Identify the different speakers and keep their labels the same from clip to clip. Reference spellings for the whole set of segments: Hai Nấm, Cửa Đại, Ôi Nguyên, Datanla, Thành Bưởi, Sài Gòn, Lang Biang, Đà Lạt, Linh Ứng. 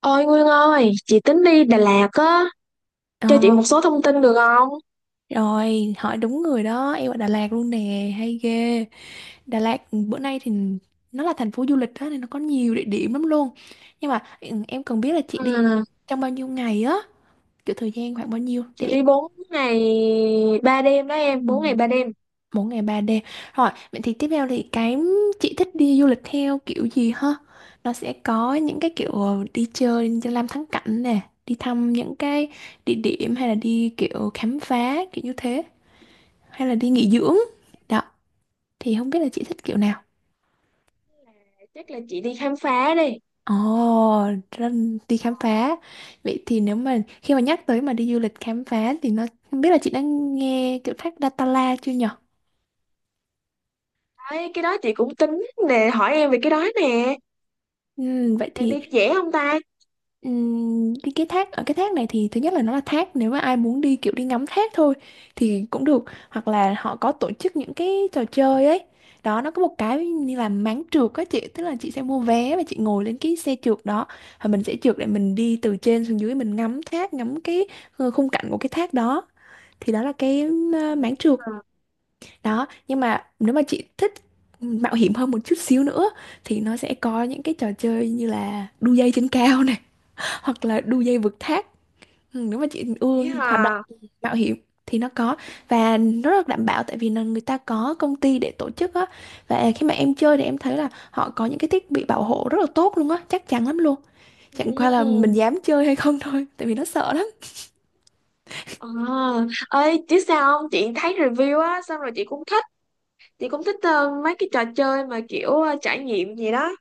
Speaker 1: Ôi Nguyên ơi, chị tính đi Đà Lạt á,
Speaker 2: Ờ,
Speaker 1: cho chị một số thông tin được không?
Speaker 2: Rồi hỏi đúng người đó, em ở Đà Lạt luôn nè, hay ghê. Đà Lạt bữa nay thì nó là thành phố du lịch đó, nên nó có nhiều địa điểm lắm luôn. Nhưng mà em cần biết là chị đi
Speaker 1: À,
Speaker 2: trong bao nhiêu ngày á, kiểu thời gian khoảng bao nhiêu
Speaker 1: chị
Speaker 2: để em.
Speaker 1: đi 4 ngày 3 đêm đó
Speaker 2: Ừ,
Speaker 1: em, 4 ngày
Speaker 2: bốn
Speaker 1: 3 đêm.
Speaker 2: bốn ngày 3 đêm rồi. Vậy thì tiếp theo thì cái chị thích đi du lịch theo kiểu gì ha? Nó sẽ có những cái kiểu đi chơi, đi làm thắng cảnh nè, đi thăm những cái địa điểm, hay là đi kiểu khám phá kiểu như thế, hay là đi nghỉ dưỡng đó. Thì không biết là chị thích kiểu nào?
Speaker 1: Chắc là chị đi khám phá đi.
Speaker 2: Ồ, đi khám phá. Vậy thì nếu mà khi mà nhắc tới mà đi du lịch khám phá thì nó, không biết là chị đã nghe kiểu thác Datanla chưa nhở?
Speaker 1: Đấy, cái đó chị cũng tính nè, hỏi em về cái đó nè.
Speaker 2: Ừ, vậy
Speaker 1: Là
Speaker 2: thì.
Speaker 1: đi dễ không ta?
Speaker 2: Cái thác, ở cái thác này thì thứ nhất là nó là thác, nếu mà ai muốn đi kiểu đi ngắm thác thôi thì cũng được, hoặc là họ có tổ chức những cái trò chơi ấy. Đó, nó có một cái như là máng trượt á chị, tức là chị sẽ mua vé và chị ngồi lên cái xe trượt đó, và mình sẽ trượt để mình đi từ trên xuống dưới, mình ngắm thác, ngắm cái khung cảnh của cái thác đó. Thì đó là cái máng trượt
Speaker 1: À,
Speaker 2: đó. Nhưng mà nếu mà chị thích mạo hiểm hơn một chút xíu nữa thì nó sẽ có những cái trò chơi như là đu dây trên cao, hoặc là đu dây vượt thác. Nếu mà chị ưa
Speaker 1: dễ
Speaker 2: hoạt động
Speaker 1: hả?
Speaker 2: mạo hiểm thì nó có, và nó rất đảm bảo tại vì là người ta có công ty để tổ chức á, và khi mà em chơi thì em thấy là họ có những cái thiết bị bảo hộ rất là tốt luôn á, chắc chắn lắm luôn. Chẳng qua là
Speaker 1: Ừ.
Speaker 2: mình dám chơi hay không thôi, tại vì nó sợ lắm.
Speaker 1: À, ơi chứ sao không, chị thấy review á xong rồi chị cũng thích mấy cái trò chơi mà kiểu trải nghiệm gì đó.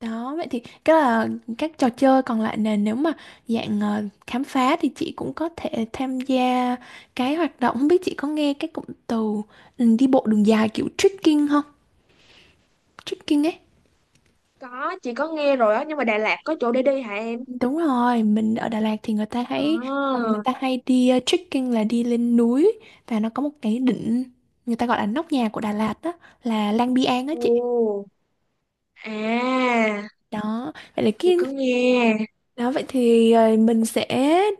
Speaker 2: Đó, vậy thì cái là các trò chơi còn lại nè, nếu mà dạng khám phá thì chị cũng có thể tham gia. Cái hoạt động, không biết chị có nghe cái cụm từ đi bộ đường dài kiểu trekking không, trekking ấy.
Speaker 1: Có chị có nghe rồi á, nhưng mà Đà Lạt có chỗ để đi hả em?
Speaker 2: Đúng rồi, mình ở Đà Lạt thì
Speaker 1: À,
Speaker 2: người ta hay đi trekking, là đi lên núi, và nó có một cái đỉnh người ta gọi là nóc nhà của Đà Lạt đó, là Lang Biang á chị.
Speaker 1: ồ, à,
Speaker 2: Đó, vậy là
Speaker 1: chị
Speaker 2: cái
Speaker 1: có nghe.
Speaker 2: đó, vậy thì mình sẽ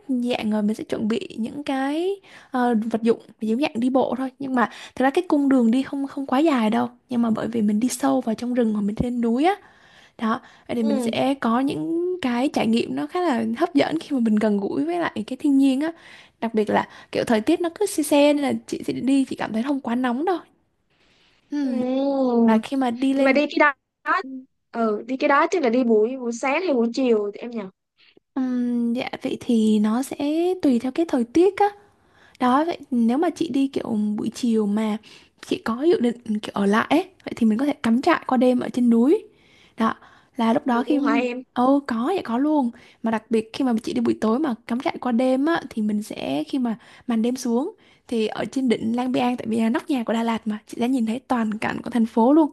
Speaker 2: dạng rồi, mình sẽ chuẩn bị những cái vật dụng giống dạng đi bộ thôi. Nhưng mà thực ra cái cung đường đi không không quá dài đâu, nhưng mà bởi vì mình đi sâu vào trong rừng hoặc mình lên núi á. Đó, vậy thì mình
Speaker 1: Ừ,
Speaker 2: sẽ có những cái trải nghiệm nó khá là hấp dẫn khi mà mình gần gũi với lại cái thiên nhiên á. Đặc biệt là kiểu thời tiết nó cứ se se, nên là chị sẽ đi chị cảm thấy không quá nóng đâu.
Speaker 1: ừ.
Speaker 2: Ừm, Và khi mà đi
Speaker 1: Nhưng mà
Speaker 2: lên.
Speaker 1: đi cái đó, ừ, đi cái đó chắc là đi buổi buổi sáng hay buổi chiều thì em nhỉ?
Speaker 2: Dạ, vậy thì nó sẽ tùy theo cái thời tiết á. Đó, vậy nếu mà chị đi kiểu buổi chiều mà chị có dự định kiểu ở lại ấy, vậy thì mình có thể cắm trại qua đêm ở trên núi. Đó, là lúc đó
Speaker 1: Được
Speaker 2: khi.
Speaker 1: luôn hả em?
Speaker 2: Ồ, có, vậy có luôn. Mà đặc biệt khi mà chị đi buổi tối mà cắm trại qua đêm á, thì mình sẽ, khi mà màn đêm xuống thì ở trên đỉnh Lang Biang, tại vì là nóc nhà của Đà Lạt mà, chị sẽ nhìn thấy toàn cảnh của thành phố luôn.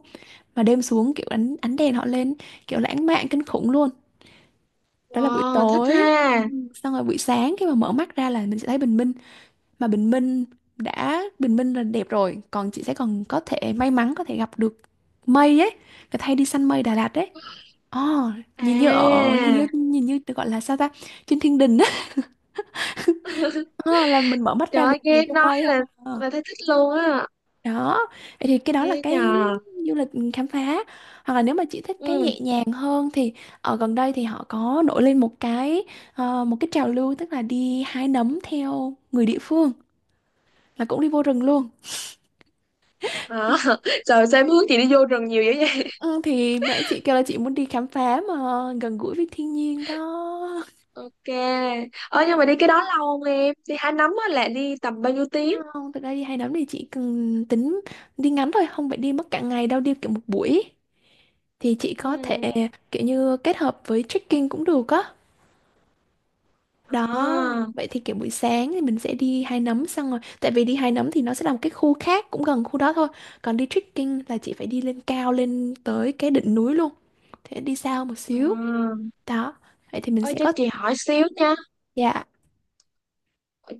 Speaker 2: Mà đêm xuống kiểu ánh đèn họ lên, kiểu lãng mạn kinh khủng luôn. Đó là buổi
Speaker 1: Wow, thích
Speaker 2: tối. Ừ,
Speaker 1: ha.
Speaker 2: Xong rồi buổi sáng khi mà mở mắt ra là mình sẽ thấy bình minh, mà bình minh, đã bình minh là đẹp rồi, còn chị sẽ còn có thể may mắn, có thể gặp được mây ấy, người ta đi săn mây Đà Lạt đấy. Ồ, nhìn như ở
Speaker 1: À,
Speaker 2: nhìn như được gọi là sao ta, trên thiên đình á. Ờ, là mình mở mắt
Speaker 1: trời
Speaker 2: ra mình
Speaker 1: ơi, nghe
Speaker 2: chiều
Speaker 1: em
Speaker 2: trong
Speaker 1: nói
Speaker 2: mây không. À,
Speaker 1: là thấy thích luôn á.
Speaker 2: đó, vậy thì cái đó là
Speaker 1: Nghe
Speaker 2: cái
Speaker 1: nhờ.
Speaker 2: du lịch khám phá, hoặc là nếu mà chị thích cái
Speaker 1: Ừ,
Speaker 2: nhẹ nhàng hơn thì ở gần đây thì họ có nổi lên một cái trào lưu, tức là đi hái nấm theo người địa phương, là cũng đi vô rừng luôn.
Speaker 1: à, trời, sao em hướng chị đi vô rừng nhiều dữ vậy?
Speaker 2: Ừ, thì nãy chị kêu là chị muốn đi khám phá mà gần gũi với thiên nhiên đó.
Speaker 1: Ok. Ờ, nhưng mà đi cái đó lâu không em? Đi hái nấm á là đi tầm bao nhiêu tiếng?
Speaker 2: Không, thực ra đi hay lắm, thì chị cần tính, đi ngắn thôi, không phải đi mất cả ngày đâu, đi kiểu một buổi. Thì chị có thể
Speaker 1: Ừ.
Speaker 2: kiểu như kết hợp với trekking cũng được á. Đó.
Speaker 1: À.
Speaker 2: Vậy thì kiểu buổi sáng thì mình sẽ đi Hai Nấm xong rồi. Tại vì đi Hai Nấm thì nó sẽ là một cái khu khác cũng gần khu đó thôi. Còn đi trekking là chị phải đi lên cao, lên tới cái đỉnh núi luôn. Thế đi xa một xíu.
Speaker 1: À,
Speaker 2: Đó, vậy thì mình
Speaker 1: ơi
Speaker 2: sẽ
Speaker 1: cho
Speaker 2: có...
Speaker 1: chị hỏi xíu nha,
Speaker 2: Dạ.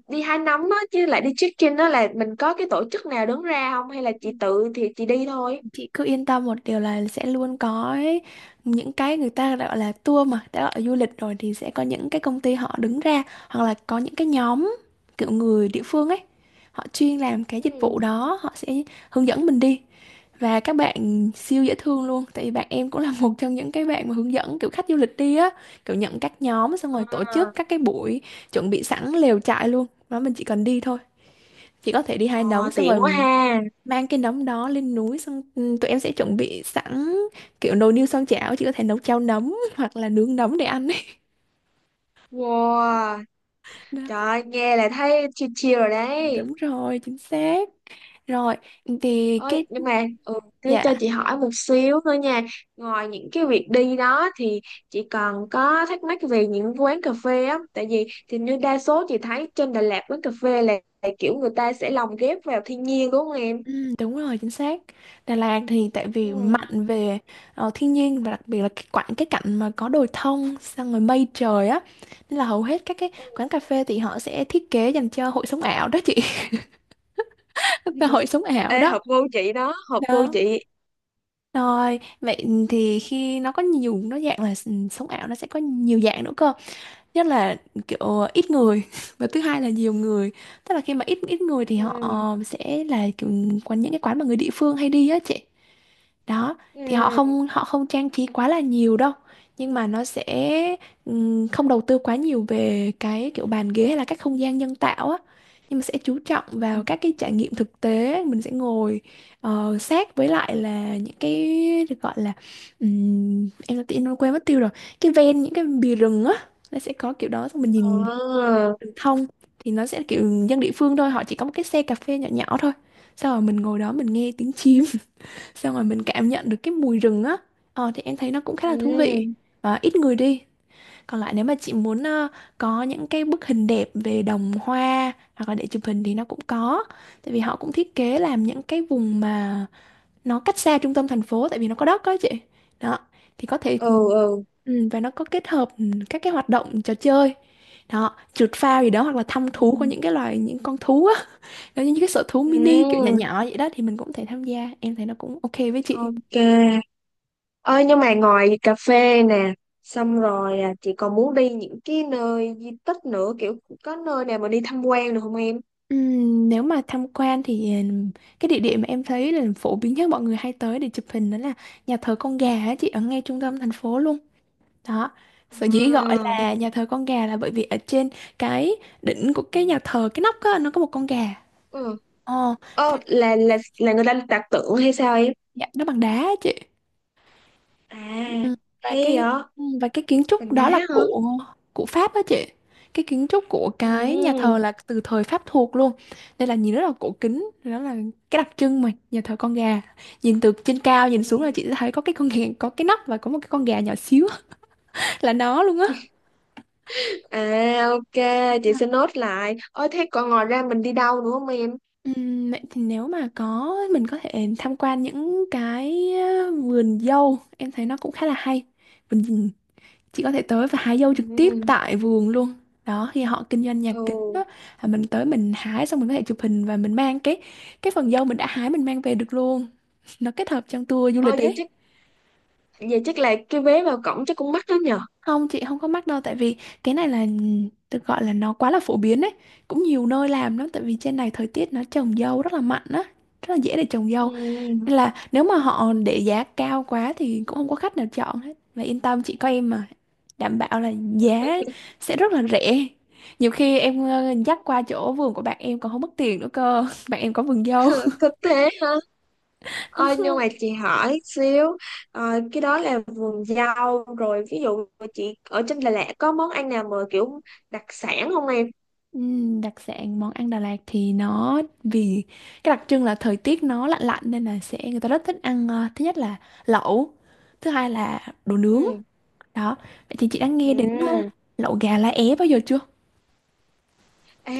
Speaker 1: đi hái nấm á chứ lại đi check-in đó là mình có cái tổ chức nào đứng ra không, hay là chị tự thì chị đi thôi?
Speaker 2: Chị cứ yên tâm một điều là sẽ luôn có ấy, những cái người ta gọi là tour mà, đã gọi là du lịch rồi thì sẽ có những cái công ty họ đứng ra, hoặc là có những cái nhóm kiểu người địa phương ấy, họ chuyên làm cái dịch
Speaker 1: Ừ.
Speaker 2: vụ đó, họ sẽ hướng dẫn mình đi. Và các bạn siêu dễ thương luôn, tại vì bạn em cũng là một trong những cái bạn mà hướng dẫn kiểu khách du lịch đi á, kiểu nhận các nhóm xong rồi
Speaker 1: À,
Speaker 2: tổ chức các cái buổi, chuẩn bị sẵn lều trại luôn đó, mình chỉ cần đi thôi. Chị có thể đi hai đống
Speaker 1: ờ,
Speaker 2: xong
Speaker 1: tiện
Speaker 2: rồi
Speaker 1: quá ha.
Speaker 2: mang cái nấm đó lên núi xong, tụi em sẽ chuẩn bị sẵn kiểu nồi niêu xoong chảo, chị có thể nấu cháo nấm hoặc là nướng nấm để ăn ấy.
Speaker 1: Wow, trời
Speaker 2: Đó,
Speaker 1: ơi, nghe là thấy chill chill rồi đấy.
Speaker 2: đúng rồi chính xác. Rồi thì
Speaker 1: Ơi
Speaker 2: cái,
Speaker 1: nhưng mà ừ, thế cho
Speaker 2: dạ
Speaker 1: chị hỏi một xíu nữa nha. Ngoài những cái việc đi đó thì chị còn có thắc mắc về những quán cà phê á, tại vì thì như đa số chị thấy trên Đà Lạt quán cà phê là kiểu người ta sẽ lồng ghép vào thiên nhiên, đúng không em?
Speaker 2: ừ, đúng rồi chính xác. Đà Lạt thì tại
Speaker 1: Ừ.
Speaker 2: vì mạnh về thiên nhiên, và đặc biệt là cái cái cạnh mà có đồi thông xong rồi mây trời á, nên là hầu hết các cái quán
Speaker 1: Ừ.
Speaker 2: cà phê thì họ sẽ thiết kế dành cho hội sống ảo đó chị. Và hội sống ảo
Speaker 1: Ê,
Speaker 2: đó
Speaker 1: hợp gu chị đó, hợp gu
Speaker 2: đó.
Speaker 1: chị.
Speaker 2: Rồi, vậy thì khi nó có nhiều, nó dạng là sống ảo, nó sẽ có nhiều dạng nữa cơ. Nhất là kiểu ít người và thứ hai là nhiều người. Tức là khi mà ít ít người thì
Speaker 1: Ừ.
Speaker 2: họ sẽ là kiểu những cái quán mà người địa phương hay đi á chị. Đó, thì họ
Speaker 1: Ừ.
Speaker 2: không họ không trang trí quá là nhiều đâu, nhưng mà nó sẽ không đầu tư quá nhiều về cái kiểu bàn ghế hay là các không gian nhân tạo á, nhưng mà sẽ chú trọng vào các cái trải nghiệm thực tế. Mình sẽ ngồi sát với lại là những cái được gọi là em đã tin quên mất tiêu rồi, cái ven những cái bìa rừng á, nó sẽ có kiểu đó, xong mình nhìn
Speaker 1: Ờ.
Speaker 2: rừng thông. Thì nó sẽ kiểu dân địa phương thôi, họ chỉ có một cái xe cà phê nhỏ nhỏ thôi, sau rồi mình ngồi đó, mình nghe tiếng chim, xong rồi mình cảm nhận được cái mùi rừng á. Thì em thấy nó cũng khá là thú vị
Speaker 1: Ừ.
Speaker 2: và ít người đi. Còn lại nếu mà chị muốn có những cái bức hình đẹp về đồng hoa hoặc là để chụp hình thì nó cũng có, tại vì họ cũng thiết kế làm những cái vùng mà nó cách xa trung tâm thành phố, tại vì nó có đất đó chị. Đó, thì có thể
Speaker 1: Ừ. Ừ.
Speaker 2: và nó có kết hợp các cái hoạt động trò chơi đó, trượt phao gì đó, hoặc là thăm
Speaker 1: Ừ.
Speaker 2: thú của những cái loài những con thú á. Nó như những cái sở thú mini kiểu nhỏ
Speaker 1: Ừ.
Speaker 2: nhỏ vậy đó, thì mình cũng có thể tham gia, em thấy nó cũng ok với chị.
Speaker 1: Ok. Ơi nhưng mà ngoài cà phê nè, xong rồi à, chị còn muốn đi những cái nơi di tích nữa, kiểu có nơi nào mà đi tham quan được không em?
Speaker 2: Nếu mà tham quan thì cái địa điểm mà em thấy là phổ biến nhất mọi người hay tới để chụp hình đó là nhà thờ con gà á chị, ở ngay trung tâm thành phố luôn. Đó, sở dĩ gọi
Speaker 1: À.
Speaker 2: là nhà thờ con gà là bởi vì ở trên cái đỉnh của cái nhà thờ cái nóc á, nó có một con gà.
Speaker 1: Ừ.
Speaker 2: Ờ
Speaker 1: Ờ,
Speaker 2: và
Speaker 1: là người ta đặt tượng hay sao em?
Speaker 2: Dạ, nó bằng đá á chị.
Speaker 1: À,
Speaker 2: Ừ. và
Speaker 1: hay
Speaker 2: cái
Speaker 1: vậy?
Speaker 2: và cái kiến trúc
Speaker 1: Cành đá
Speaker 2: đó
Speaker 1: hả?
Speaker 2: là của Pháp đó chị. Cái kiến trúc của cái nhà thờ là từ thời Pháp thuộc luôn, nên là nhìn rất là cổ kính. Đó là cái đặc trưng mà nhà thờ con gà, nhìn từ trên cao nhìn
Speaker 1: Ừ.
Speaker 2: xuống là chị sẽ thấy có cái con gà, có cái nóc và có một cái con gà nhỏ xíu là nó luôn á.
Speaker 1: À ok, chị sẽ nốt lại. Ôi thế còn ngoài ra mình đi đâu nữa không em?
Speaker 2: Vậy thì nếu mà có, mình có thể tham quan những cái vườn dâu, em thấy nó cũng khá là hay. Vườn, chị có thể tới và hái dâu trực tiếp
Speaker 1: Ừ.
Speaker 2: tại vườn luôn đó, khi họ kinh doanh nhà kính
Speaker 1: Ừ.
Speaker 2: đó, là mình tới mình hái xong mình có thể chụp hình và mình mang cái phần dâu mình đã hái mình mang về được luôn, nó kết hợp trong tour du lịch
Speaker 1: Ôi
Speaker 2: đấy.
Speaker 1: vậy chắc là cái vé vào cổng chắc cũng mắc lắm nhờ.
Speaker 2: Không chị, không có mắc đâu, tại vì cái này là được gọi là nó quá là phổ biến đấy, cũng nhiều nơi làm lắm tại vì trên này thời tiết nó trồng dâu rất là mạnh á, rất là dễ để trồng dâu.
Speaker 1: Ừ.
Speaker 2: Nên là nếu mà họ để giá cao quá thì cũng không có khách nào chọn hết. Và yên tâm, chị có em mà. Đảm bảo là giá sẽ rất là rẻ. Nhiều khi em dắt qua chỗ vườn của bạn em còn không mất tiền nữa cơ. Bạn em có vườn dâu.
Speaker 1: Có thế hả?
Speaker 2: Đúng
Speaker 1: Ôi nhưng
Speaker 2: không?
Speaker 1: mà chị hỏi xíu, ờ, cái đó là vườn rau rồi, ví dụ chị ở trên Đà Lạt có món ăn nào mà kiểu đặc sản không em?
Speaker 2: Đặc sản món ăn Đà Lạt thì nó vì cái đặc trưng là thời tiết nó lạnh lạnh nên là sẽ người ta rất thích ăn, thứ nhất là lẩu, thứ hai là đồ nướng.
Speaker 1: Ừ.
Speaker 2: Đó. Vậy thì chị đã nghe đến
Speaker 1: Ừ.
Speaker 2: lẩu gà lá é bao giờ chưa?
Speaker 1: À,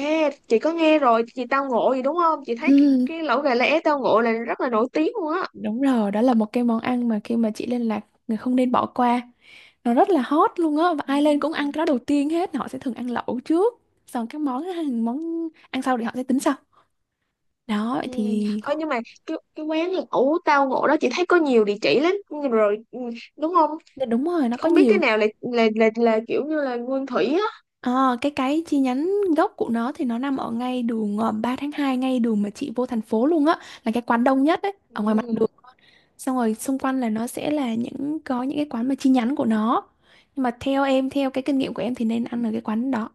Speaker 1: chị có nghe rồi, chị tao ngộ gì đúng không? Chị thấy cái,
Speaker 2: Ừm,
Speaker 1: cái lẩu gà lá é tao ngộ là rất là nổi tiếng luôn á.
Speaker 2: Đúng rồi, đó là một cái món ăn mà khi mà chị lên Lạc người không nên bỏ qua. Nó rất là hot luôn á, và ai lên cũng ăn
Speaker 1: Ừ.
Speaker 2: cái đó đầu tiên hết, họ sẽ thường ăn lẩu trước, xong các món món ăn sau thì họ sẽ tính sau.
Speaker 1: Ừ.
Speaker 2: Đó thì
Speaker 1: Ơ nhưng mà cái quán lẩu tao ngộ đó chị thấy có nhiều địa chỉ lắm rồi, ừ, đúng không?
Speaker 2: dạ đúng rồi, nó có
Speaker 1: Không biết cái
Speaker 2: nhiều.
Speaker 1: nào là là, là kiểu như là nguyên thủy á.
Speaker 2: Ờ, cái chi nhánh gốc của nó thì nó nằm ở ngay đường 3/2, ngay đường mà chị vô thành phố luôn á, là cái quán đông nhất ấy, ở ngoài mặt
Speaker 1: Ừ.
Speaker 2: đường. Xong rồi xung quanh là nó sẽ là có những cái quán mà chi nhánh của nó. Nhưng mà theo em, theo cái kinh nghiệm của em thì nên ăn ở cái quán đó.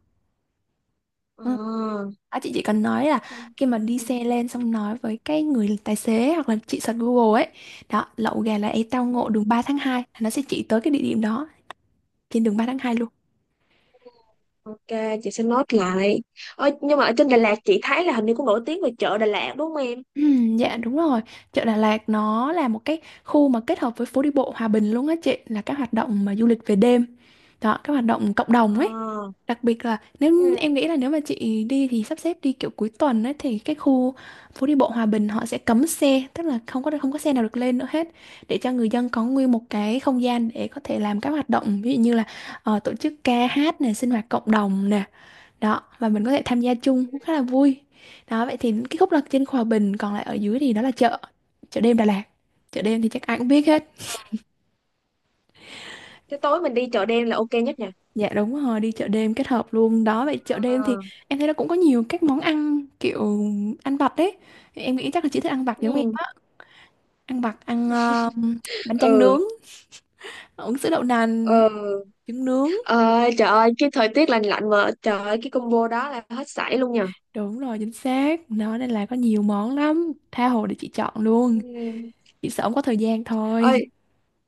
Speaker 2: Ừ.
Speaker 1: À,
Speaker 2: À, chị chỉ cần nói là khi
Speaker 1: ok.
Speaker 2: mà đi xe lên xong nói với cái người tài xế hoặc là chị search Google ấy, đó lậu gà là ấy tao
Speaker 1: Ừ,
Speaker 2: ngộ đường 3/2, là nó sẽ chỉ tới cái địa điểm đó, trên đường 3/2 luôn.
Speaker 1: ok, chị sẽ note lại. Ơ nhưng mà ở trên Đà Lạt chị thấy là hình như cũng nổi tiếng về chợ Đà Lạt, đúng không em?
Speaker 2: Dạ đúng rồi, chợ Đà Lạt nó là một cái khu mà kết hợp với phố đi bộ Hòa Bình luôn á chị, là các hoạt động mà du lịch về đêm. Đó, các hoạt động cộng đồng
Speaker 1: Ờ,
Speaker 2: ấy. Đặc biệt là nếu em
Speaker 1: ừ.
Speaker 2: nghĩ là nếu mà chị đi thì sắp xếp đi kiểu cuối tuần ấy, thì cái khu phố đi bộ Hòa Bình họ sẽ cấm xe, tức là không có xe nào được lên nữa hết, để cho người dân có nguyên một cái không gian để có thể làm các hoạt động, ví dụ như là tổ chức ca hát này, sinh hoạt cộng đồng nè. Đó, và mình có thể tham gia chung cũng khá là vui. Đó, vậy thì cái khúc là trên Hòa Bình, còn lại ở dưới thì đó là chợ, chợ đêm Đà Lạt. Chợ đêm thì chắc ai cũng biết hết.
Speaker 1: Thế tối mình đi chợ đen là ok nhất nha.
Speaker 2: Dạ đúng rồi, đi chợ đêm kết hợp luôn đó. Vậy chợ
Speaker 1: À,
Speaker 2: đêm thì em thấy nó cũng có nhiều các món ăn kiểu ăn vặt đấy. Thì em nghĩ chắc là chị thích ăn vặt giống em
Speaker 1: ừ.
Speaker 2: á. Ăn vặt, ăn bánh tráng
Speaker 1: Ừ.
Speaker 2: nướng, uống sữa đậu nành,
Speaker 1: Ừ.
Speaker 2: trứng nướng.
Speaker 1: Ờ, trời ơi, cái thời tiết lạnh lạnh mà trời ơi cái combo đó là hết sảy luôn nha.
Speaker 2: Đúng rồi, chính xác. Nó nên là có nhiều món lắm. Tha hồ để chị chọn luôn.
Speaker 1: Ừ.
Speaker 2: Chị sợ không có thời gian thôi.
Speaker 1: Ơi,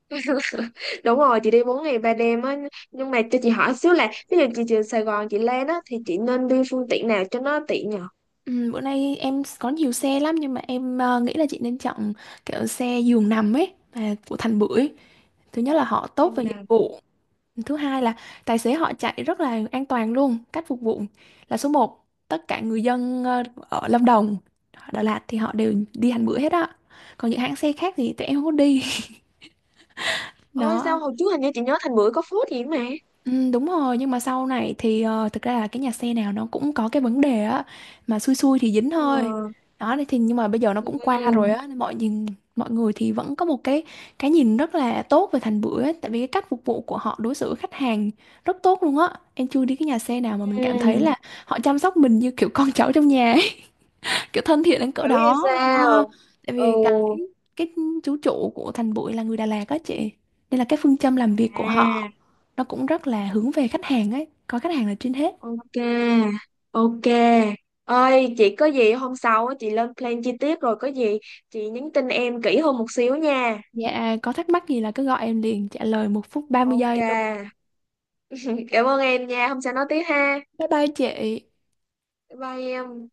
Speaker 1: đúng rồi, chị đi 4 ngày 3 đêm á, nhưng mà cho chị hỏi xíu là ví dụ chị từ Sài Gòn chị lên á thì chị nên đi phương tiện nào cho nó tiện nhở?
Speaker 2: Ừ, bữa nay em có nhiều xe lắm nhưng mà em nghĩ là chị nên chọn kiểu xe giường nằm ấy, và của Thành Bưởi. Thứ nhất là họ tốt
Speaker 1: Phương
Speaker 2: về dịch
Speaker 1: nào?
Speaker 2: vụ. Thứ hai là tài xế họ chạy rất là an toàn luôn, cách phục vụ là số một. Tất cả người dân ở Lâm Đồng, Đà Lạt thì họ đều đi hành bữa hết á. Còn những hãng xe khác thì tụi em không có đi.
Speaker 1: Ôi sao
Speaker 2: Đó,
Speaker 1: hồi trước hình như chị nhớ Thành Bưởi có phốt gì mà.
Speaker 2: ừ, đúng rồi nhưng mà sau này thì thực ra là cái nhà xe nào nó cũng có cái vấn đề á, mà xui xui thì dính thôi
Speaker 1: Ừ.
Speaker 2: đó thì. Nhưng mà bây giờ nó cũng qua
Speaker 1: Ừ.
Speaker 2: rồi á nên mọi nhìn, mọi người thì vẫn có một cái nhìn rất là tốt về Thành Bưởi ấy, tại vì cái cách phục vụ của họ đối xử với khách hàng rất tốt luôn á, em chưa đi cái nhà xe nào mà mình cảm thấy là
Speaker 1: Ừ.
Speaker 2: họ chăm sóc mình như kiểu con cháu trong nhà ấy. Kiểu thân thiện đến
Speaker 1: Dữ
Speaker 2: cỡ
Speaker 1: vậy
Speaker 2: đó. Ờ,
Speaker 1: sao?
Speaker 2: tại
Speaker 1: Ừ.
Speaker 2: vì cái chú chủ của Thành Bưởi là người Đà Lạt á chị, nên là cái phương châm làm việc của họ
Speaker 1: À.
Speaker 2: nó cũng rất là hướng về khách hàng ấy, có khách hàng là trên hết.
Speaker 1: Ok. Ok. Ơi chị có gì hôm sau á chị lên plan chi tiết rồi có gì chị nhắn tin em kỹ hơn một xíu nha.
Speaker 2: Dạ có thắc mắc gì là cứ gọi em liền, trả lời một phút 30
Speaker 1: Ok.
Speaker 2: giây luôn.
Speaker 1: Cảm ơn em nha, hôm sau nói tiếp ha.
Speaker 2: Bye bye chị.
Speaker 1: Bye bye em.